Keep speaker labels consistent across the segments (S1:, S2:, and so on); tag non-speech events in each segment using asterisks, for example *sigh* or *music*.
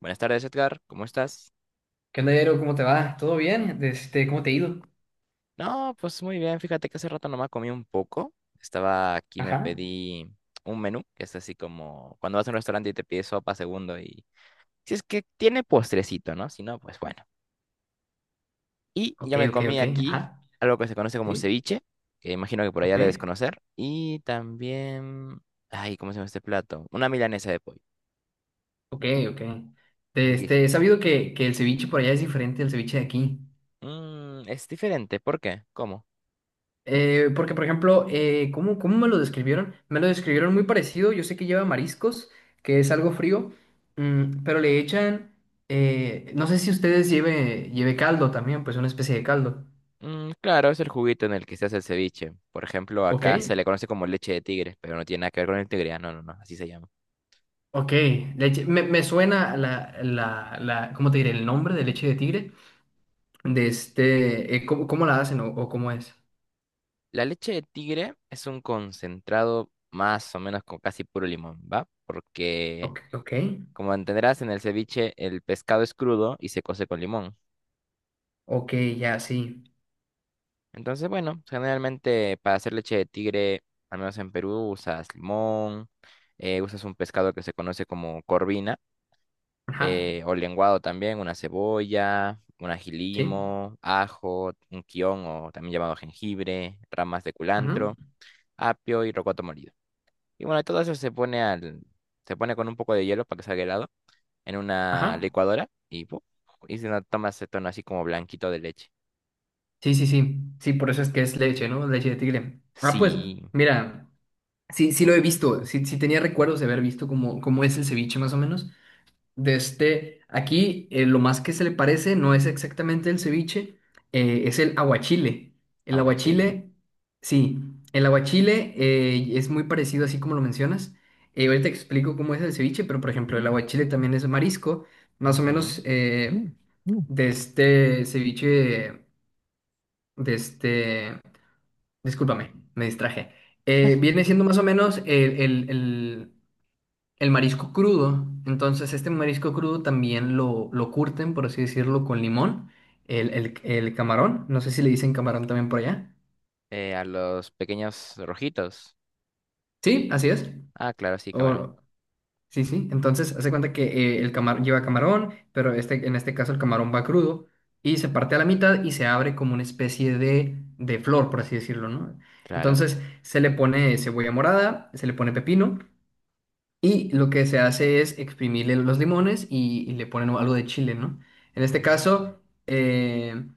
S1: Buenas tardes, Edgar. ¿Cómo estás?
S2: ¿Qué onda, Jairo? ¿Cómo te va? ¿Todo bien? ¿Cómo te ha ido?
S1: No, pues muy bien. Fíjate que hace rato nomás comí un poco. Estaba aquí, me
S2: Ajá.
S1: pedí un menú, que es así como cuando vas a un restaurante y te pides sopa segundo y si es que tiene postrecito, ¿no? Si no, pues bueno. Y
S2: Ok,
S1: yo me
S2: ok,
S1: comí
S2: ok,
S1: aquí
S2: ajá,
S1: algo que se conoce como
S2: sí,
S1: ceviche, que imagino que por allá
S2: ok,
S1: debes conocer. Y también, ay, ¿cómo se llama este plato? Una milanesa de pollo.
S2: ok, ok.
S1: Riquísimo.
S2: He sabido que el ceviche por allá es diferente al ceviche de aquí.
S1: Mm, es diferente. ¿Por qué? ¿Cómo?
S2: Porque, por ejemplo, ¿cómo, cómo me lo describieron? Me lo describieron muy parecido. Yo sé que lleva mariscos, que es algo frío, pero le echan, no sé si ustedes lleve, caldo también, pues una especie de caldo.
S1: Mm, claro, es el juguito en el que se hace el ceviche. Por ejemplo,
S2: Ok,
S1: acá se le conoce como leche de tigre, pero no tiene nada que ver con el tigre. Ah, no, no, no, así se llama.
S2: ok, leche, me suena la, ¿cómo te diré? El nombre de leche de tigre. ¿Cómo, cómo la hacen o cómo es?
S1: La leche de tigre es un concentrado más o menos con casi puro limón, ¿va? Porque,
S2: Ok, ok,
S1: como entenderás, en el ceviche el pescado es crudo y se cose con limón.
S2: ok, ya, sí.
S1: Entonces, bueno, generalmente para hacer leche de tigre, al menos en Perú, usas limón, usas un pescado que se conoce como corvina
S2: Ajá,
S1: o lenguado también, una cebolla, un
S2: sí,
S1: ajilimo, ajo, un quión o también llamado jengibre, ramas de
S2: ajá,
S1: culantro, apio y rocoto molido. Y bueno, todo eso se pone al, se pone con un poco de hielo para que salga helado en una
S2: ajá.
S1: licuadora y, ¡pum!, y se nos toma ese tono así como blanquito de leche.
S2: Sí, sí, sí, sí, por eso es que es leche, ¿no? Leche de tigre. Ah, pues,
S1: Sí,
S2: mira, sí, sí lo he visto, sí, sí tenía recuerdos de haber visto cómo es el ceviche más o menos. Aquí lo más que se le parece no es exactamente el ceviche, es el aguachile. El
S1: aguachile.
S2: aguachile, sí, el aguachile es muy parecido así como lo mencionas. Ahorita te explico cómo es el ceviche, pero por ejemplo el aguachile también es marisco. Más o menos
S1: Ujú.
S2: de este ceviche, de este, discúlpame, me distraje. Viene siendo más o menos el- el- el marisco crudo. Entonces, este marisco crudo también lo curten, por así decirlo, con limón. El camarón, no sé si le dicen camarón también por allá.
S1: A los pequeños rojitos.
S2: Sí, así es.
S1: Ah, claro, sí, camarón.
S2: O, sí, sí. Entonces, hace cuenta que el camarón lleva camarón, pero en este caso el camarón va crudo y se parte a la mitad y se abre como una especie de flor, por así decirlo, ¿no?
S1: Claro.
S2: Entonces, se le pone cebolla morada, se le pone pepino. Y lo que se hace es exprimirle los limones y le ponen algo de chile, ¿no? En este
S1: Mm.
S2: caso, eh,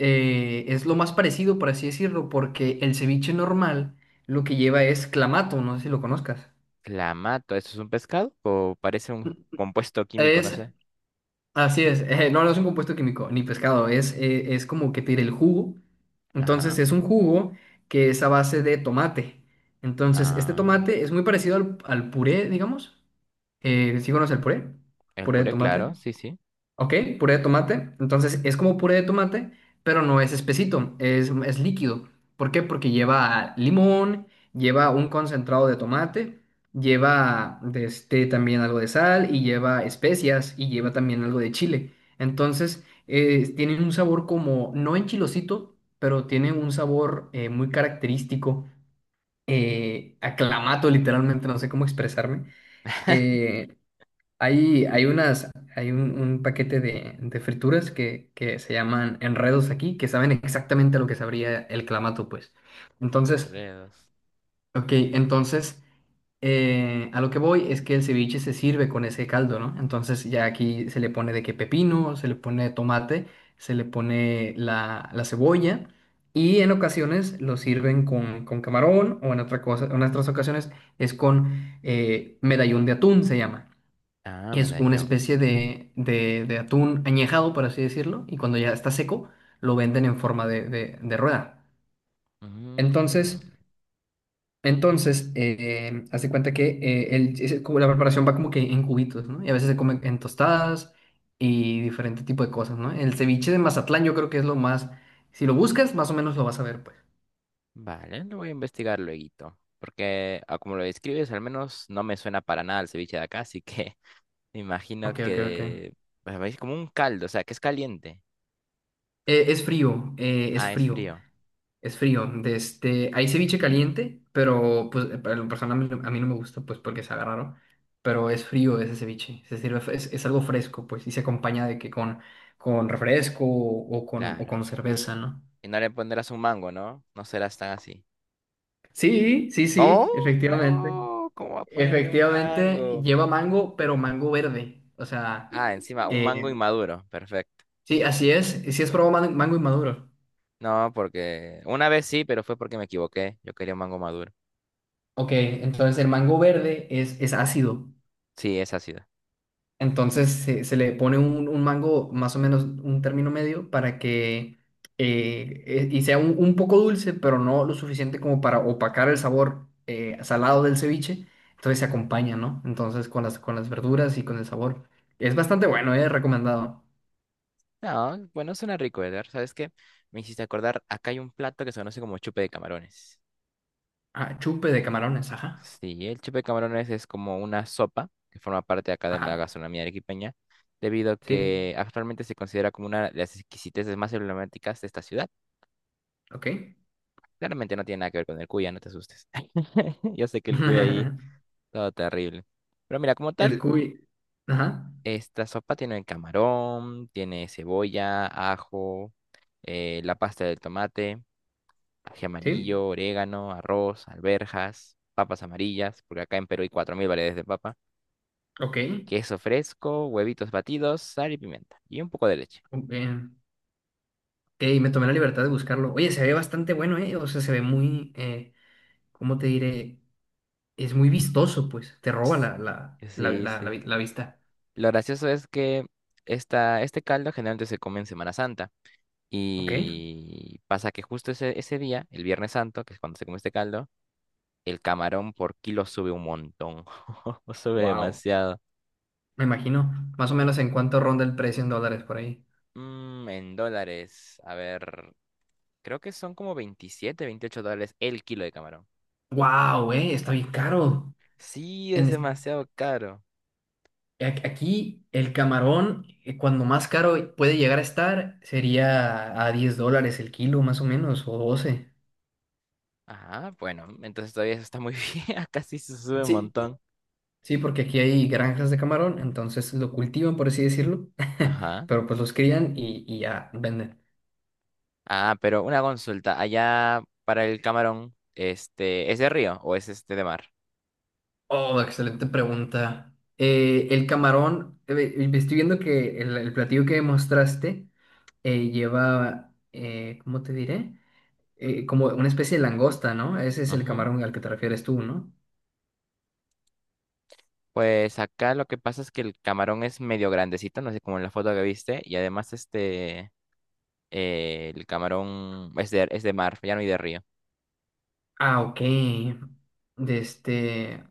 S2: es lo más parecido, por así decirlo, porque el ceviche normal lo que lleva es clamato, no sé si lo conozcas.
S1: Clamato, ¿eso es un pescado? ¿O parece un compuesto químico, no
S2: Es,
S1: sé?
S2: Así es, *laughs* no, no es un compuesto químico, ni pescado, es como que tira el jugo. Entonces
S1: Ajá.
S2: es un jugo que es a base de tomate. Entonces, este
S1: Ah,
S2: tomate es muy parecido al puré, digamos. ¿Sí conoces el puré?
S1: el
S2: Puré de
S1: puré,
S2: tomate.
S1: claro, sí, sí.
S2: Ok, puré de tomate. Entonces es como puré de tomate, pero no es espesito, es líquido. ¿Por qué? Porque lleva limón, lleva un concentrado de tomate, lleva también algo de sal y lleva especias y lleva también algo de chile. Entonces tiene un sabor como, no enchilosito, pero tiene un sabor muy característico, aclamato literalmente, no sé cómo expresarme.
S1: *laughs*
S2: Eh, hay unas, hay un paquete de frituras que se llaman enredos aquí, que saben exactamente a lo que sabría el clamato, pues. Entonces,
S1: Enredos.
S2: ok, entonces a lo que voy es que el ceviche se sirve con ese caldo, ¿no? Entonces ya aquí se le pone de que pepino, se le pone tomate, se le pone la cebolla y en ocasiones lo sirven con camarón o en otra cosa, en otras ocasiones es con medallón de atún, se llama.
S1: Ah,
S2: Es una
S1: medallón.
S2: especie de atún añejado, por así decirlo, y cuando ya está seco, lo venden en forma de rueda.
S1: Mm,
S2: Entonces, entonces haz de cuenta que es como la preparación va como que en cubitos, ¿no? Y a veces se come en tostadas y diferente tipo de cosas, ¿no? El ceviche de Mazatlán yo creo que es lo más. Si lo buscas, más o menos lo vas a ver, pues.
S1: vale, lo voy a investigar luego. Porque, ah, como lo describes, al menos no me suena para nada el ceviche de acá, así que *laughs* me imagino
S2: Ok, ok, ok.
S1: que pues, es como un caldo, o sea, que es caliente.
S2: Es frío, es
S1: Ah, es
S2: frío.
S1: frío,
S2: Es frío. Hay ceviche caliente, pero pues para lo personal a mí no me gusta, pues porque se raro. Pero es frío ese ceviche. Se sirve, es algo fresco, pues, y se acompaña de que con refresco o, o con, o
S1: claro.
S2: con cerveza, ¿no?
S1: Y no le pondrás un mango, ¿no? No serás tan así.
S2: Sí, sí,
S1: ¿Cómo?
S2: sí, efectivamente.
S1: No, ¿cómo va a ponerle un
S2: Efectivamente,
S1: mango?
S2: lleva mango, pero mango verde. O sea,
S1: Ah, encima, un mango
S2: eh,
S1: inmaduro. Perfecto.
S2: sí, así es. Sí, es probado mango inmaduro.
S1: No, porque una vez sí, pero fue porque me equivoqué. Yo quería un mango maduro.
S2: Ok, entonces el mango verde es ácido.
S1: Sí, es ácido.
S2: Entonces se le pone un mango más o menos un término medio para que y sea un poco dulce, pero no lo suficiente como para opacar el sabor salado del ceviche. Entonces se acompaña, ¿no? Entonces con las verduras y con el sabor. Es bastante bueno, es recomendado.
S1: No, bueno, suena rico, Edgar. ¿Sabes qué? Me hiciste acordar, acá hay un plato que se conoce como chupe de camarones.
S2: Ah, chupe de camarones, ajá.
S1: Sí, el chupe de camarones es como una sopa que forma parte acá de la
S2: Ajá.
S1: gastronomía arequipeña, debido a
S2: Sí,
S1: que actualmente se considera como una de las exquisiteces más emblemáticas de esta ciudad.
S2: ok.
S1: Claramente no tiene nada que ver con el cuya, no te asustes. *laughs* Yo sé que el cuya ahí,
S2: *laughs*
S1: todo terrible. Pero mira, como
S2: El
S1: tal,
S2: cuy. Ajá.
S1: esta sopa tiene camarón, tiene cebolla, ajo, la pasta del tomate, ají
S2: Sí,
S1: amarillo, orégano, arroz, alberjas, papas amarillas, porque acá en Perú hay 4000 variedades de papa,
S2: ok.
S1: queso fresco, huevitos batidos, sal y pimienta, y un poco de leche.
S2: Ok. Y me tomé la libertad de buscarlo. Oye, se ve bastante bueno, ¿eh? O sea, se ve muy, ¿cómo te diré? Es muy vistoso, pues. Te roba
S1: Ts-
S2: la, la, la,
S1: sí,
S2: la, la
S1: sí.
S2: vi- la vista.
S1: Lo gracioso es que este caldo generalmente se come en Semana Santa,
S2: Ok.
S1: y pasa que justo ese día, el Viernes Santo, que es cuando se come este caldo, el camarón por kilo sube un montón. *laughs* Sube
S2: Wow.
S1: demasiado.
S2: Me imagino. ¿Más o menos en cuánto ronda el precio en dólares por ahí?
S1: Mm, en dólares. A ver. Creo que son como 27 o 28 dólares el kilo de camarón.
S2: ¡Wow, eh! Está bien caro.
S1: Sí, es
S2: En es-
S1: demasiado caro.
S2: Aquí el camarón, cuando más caro puede llegar a estar, sería a $10 el kilo, más o menos, o 12.
S1: Ajá, bueno, entonces todavía eso está muy *laughs* bien. Casi se sube un
S2: Sí.
S1: montón.
S2: Sí, porque aquí hay granjas de camarón, entonces lo cultivan, por así decirlo, *laughs*
S1: Ajá.
S2: pero pues los crían y ya venden.
S1: Ah, pero una consulta. Allá para el camarón, este, ¿es de río o es este de mar?
S2: Oh, excelente pregunta. El camarón, estoy viendo que el platillo que mostraste lleva, ¿cómo te diré? Como una especie de langosta, ¿no? Ese es el
S1: Ujú.
S2: camarón al que te refieres tú, ¿no?
S1: Pues acá lo que pasa es que el camarón es medio grandecito, no sé, como en la foto que viste, y además este el camarón es de mar, ya no hay de río.
S2: Ah, ok. De este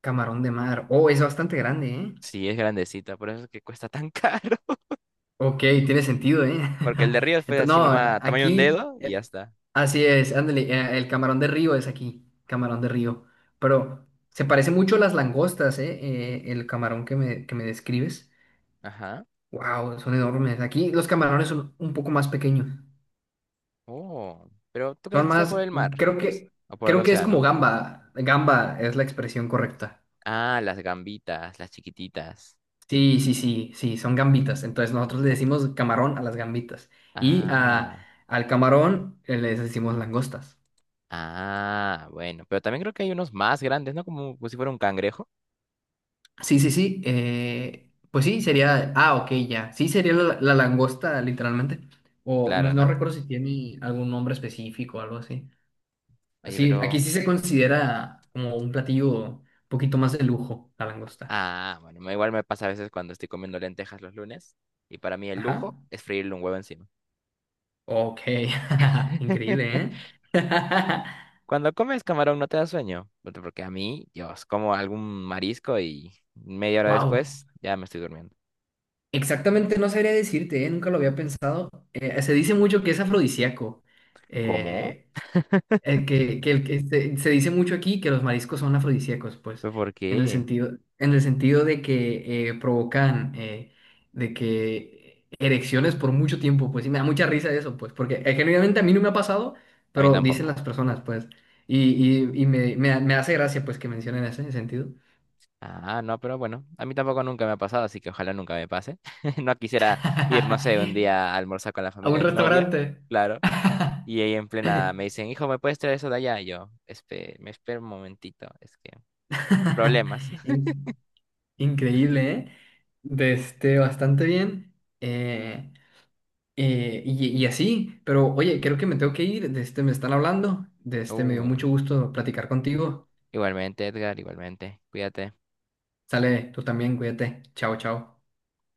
S2: Camarón de mar. Oh, es bastante grande, ¿eh?
S1: Sí, es grandecita, por eso es que cuesta tan caro. *laughs*
S2: Ok, tiene sentido, ¿eh?
S1: Porque el de río
S2: *laughs*
S1: fue
S2: Entonces,
S1: así
S2: no,
S1: nomás, tamaño de un
S2: aquí.
S1: dedo y ya está.
S2: Así es, ándale, el camarón de río es aquí, camarón de río. Pero se parece mucho a las langostas, ¿eh? El camarón que me describes.
S1: Ajá.
S2: Wow, son enormes. Aquí los camarones son un poco más pequeños.
S1: Oh, pero ¿tú crees
S2: Son
S1: que está por
S2: más,
S1: el mar?
S2: creo
S1: O s-
S2: que,
S1: o por el
S2: creo que es como
S1: océano?
S2: gamba. Gamba es la expresión correcta.
S1: Ah, las gambitas, las chiquititas.
S2: Sí, sí, sí, sí, son gambitas. Entonces nosotros le decimos camarón a las gambitas. Y
S1: Ah,
S2: al camarón les decimos langostas.
S1: ah, bueno. Pero también creo que hay unos más grandes, ¿no? Como, como si fuera un cangrejo.
S2: Sí, sí, sí. Pues sí, sería. Ah, ok, ya. Sí, sería la langosta, literalmente. O no,
S1: Claro,
S2: no
S1: ¿no?
S2: recuerdo si tiene algún nombre específico o algo así.
S1: Oye,
S2: Así, aquí
S1: pero...
S2: sí se considera como un platillo un poquito más de lujo, la langosta.
S1: Ah, bueno, me- igual me pasa a veces cuando estoy comiendo lentejas los lunes. Y para mí el
S2: Ajá.
S1: lujo es freírle un huevo encima.
S2: Ok. *laughs*
S1: *laughs*
S2: Increíble, ¿eh? *laughs*
S1: Cuando comes camarón no te da sueño, porque a mí, yo como algún marisco y media hora
S2: Wow.
S1: después ya me estoy durmiendo.
S2: Exactamente, no sabría decirte, ¿eh? Nunca lo había pensado. Se dice mucho que es afrodisíaco.
S1: ¿Cómo?
S2: Eh, El que, el que este, Se dice mucho aquí que los mariscos son afrodisíacos, pues,
S1: ¿Pero por
S2: en el
S1: qué?
S2: sentido, en el sentido de que provocan de que erecciones por mucho tiempo, pues, y me da mucha risa eso, pues, porque genuinamente a mí no me ha pasado,
S1: A mí
S2: pero dicen
S1: tampoco.
S2: las personas, pues, y, y me hace gracia, pues, que mencionen ese sentido.
S1: Ah, no, pero bueno, a mí tampoco nunca me ha pasado, así que ojalá nunca me pase. *laughs* No quisiera ir, no sé, un día a almorzar con la
S2: *laughs* A
S1: familia
S2: un
S1: de mi novia,
S2: restaurante.
S1: claro.
S2: *laughs*
S1: Y ahí en plena me dicen, hijo, ¿me puedes traer eso de allá? Y yo, "Espe- me espero un momentito, es que problemas". *laughs*
S2: In- Increíble, ¿eh? Bastante bien. Eh, y así, pero oye, creo que me tengo que ir, de este me están hablando, de este me dio
S1: Uh,
S2: mucho gusto platicar contigo.
S1: igualmente, Edgar, igualmente, cuídate.
S2: Sale, tú también, cuídate. Chao, chao.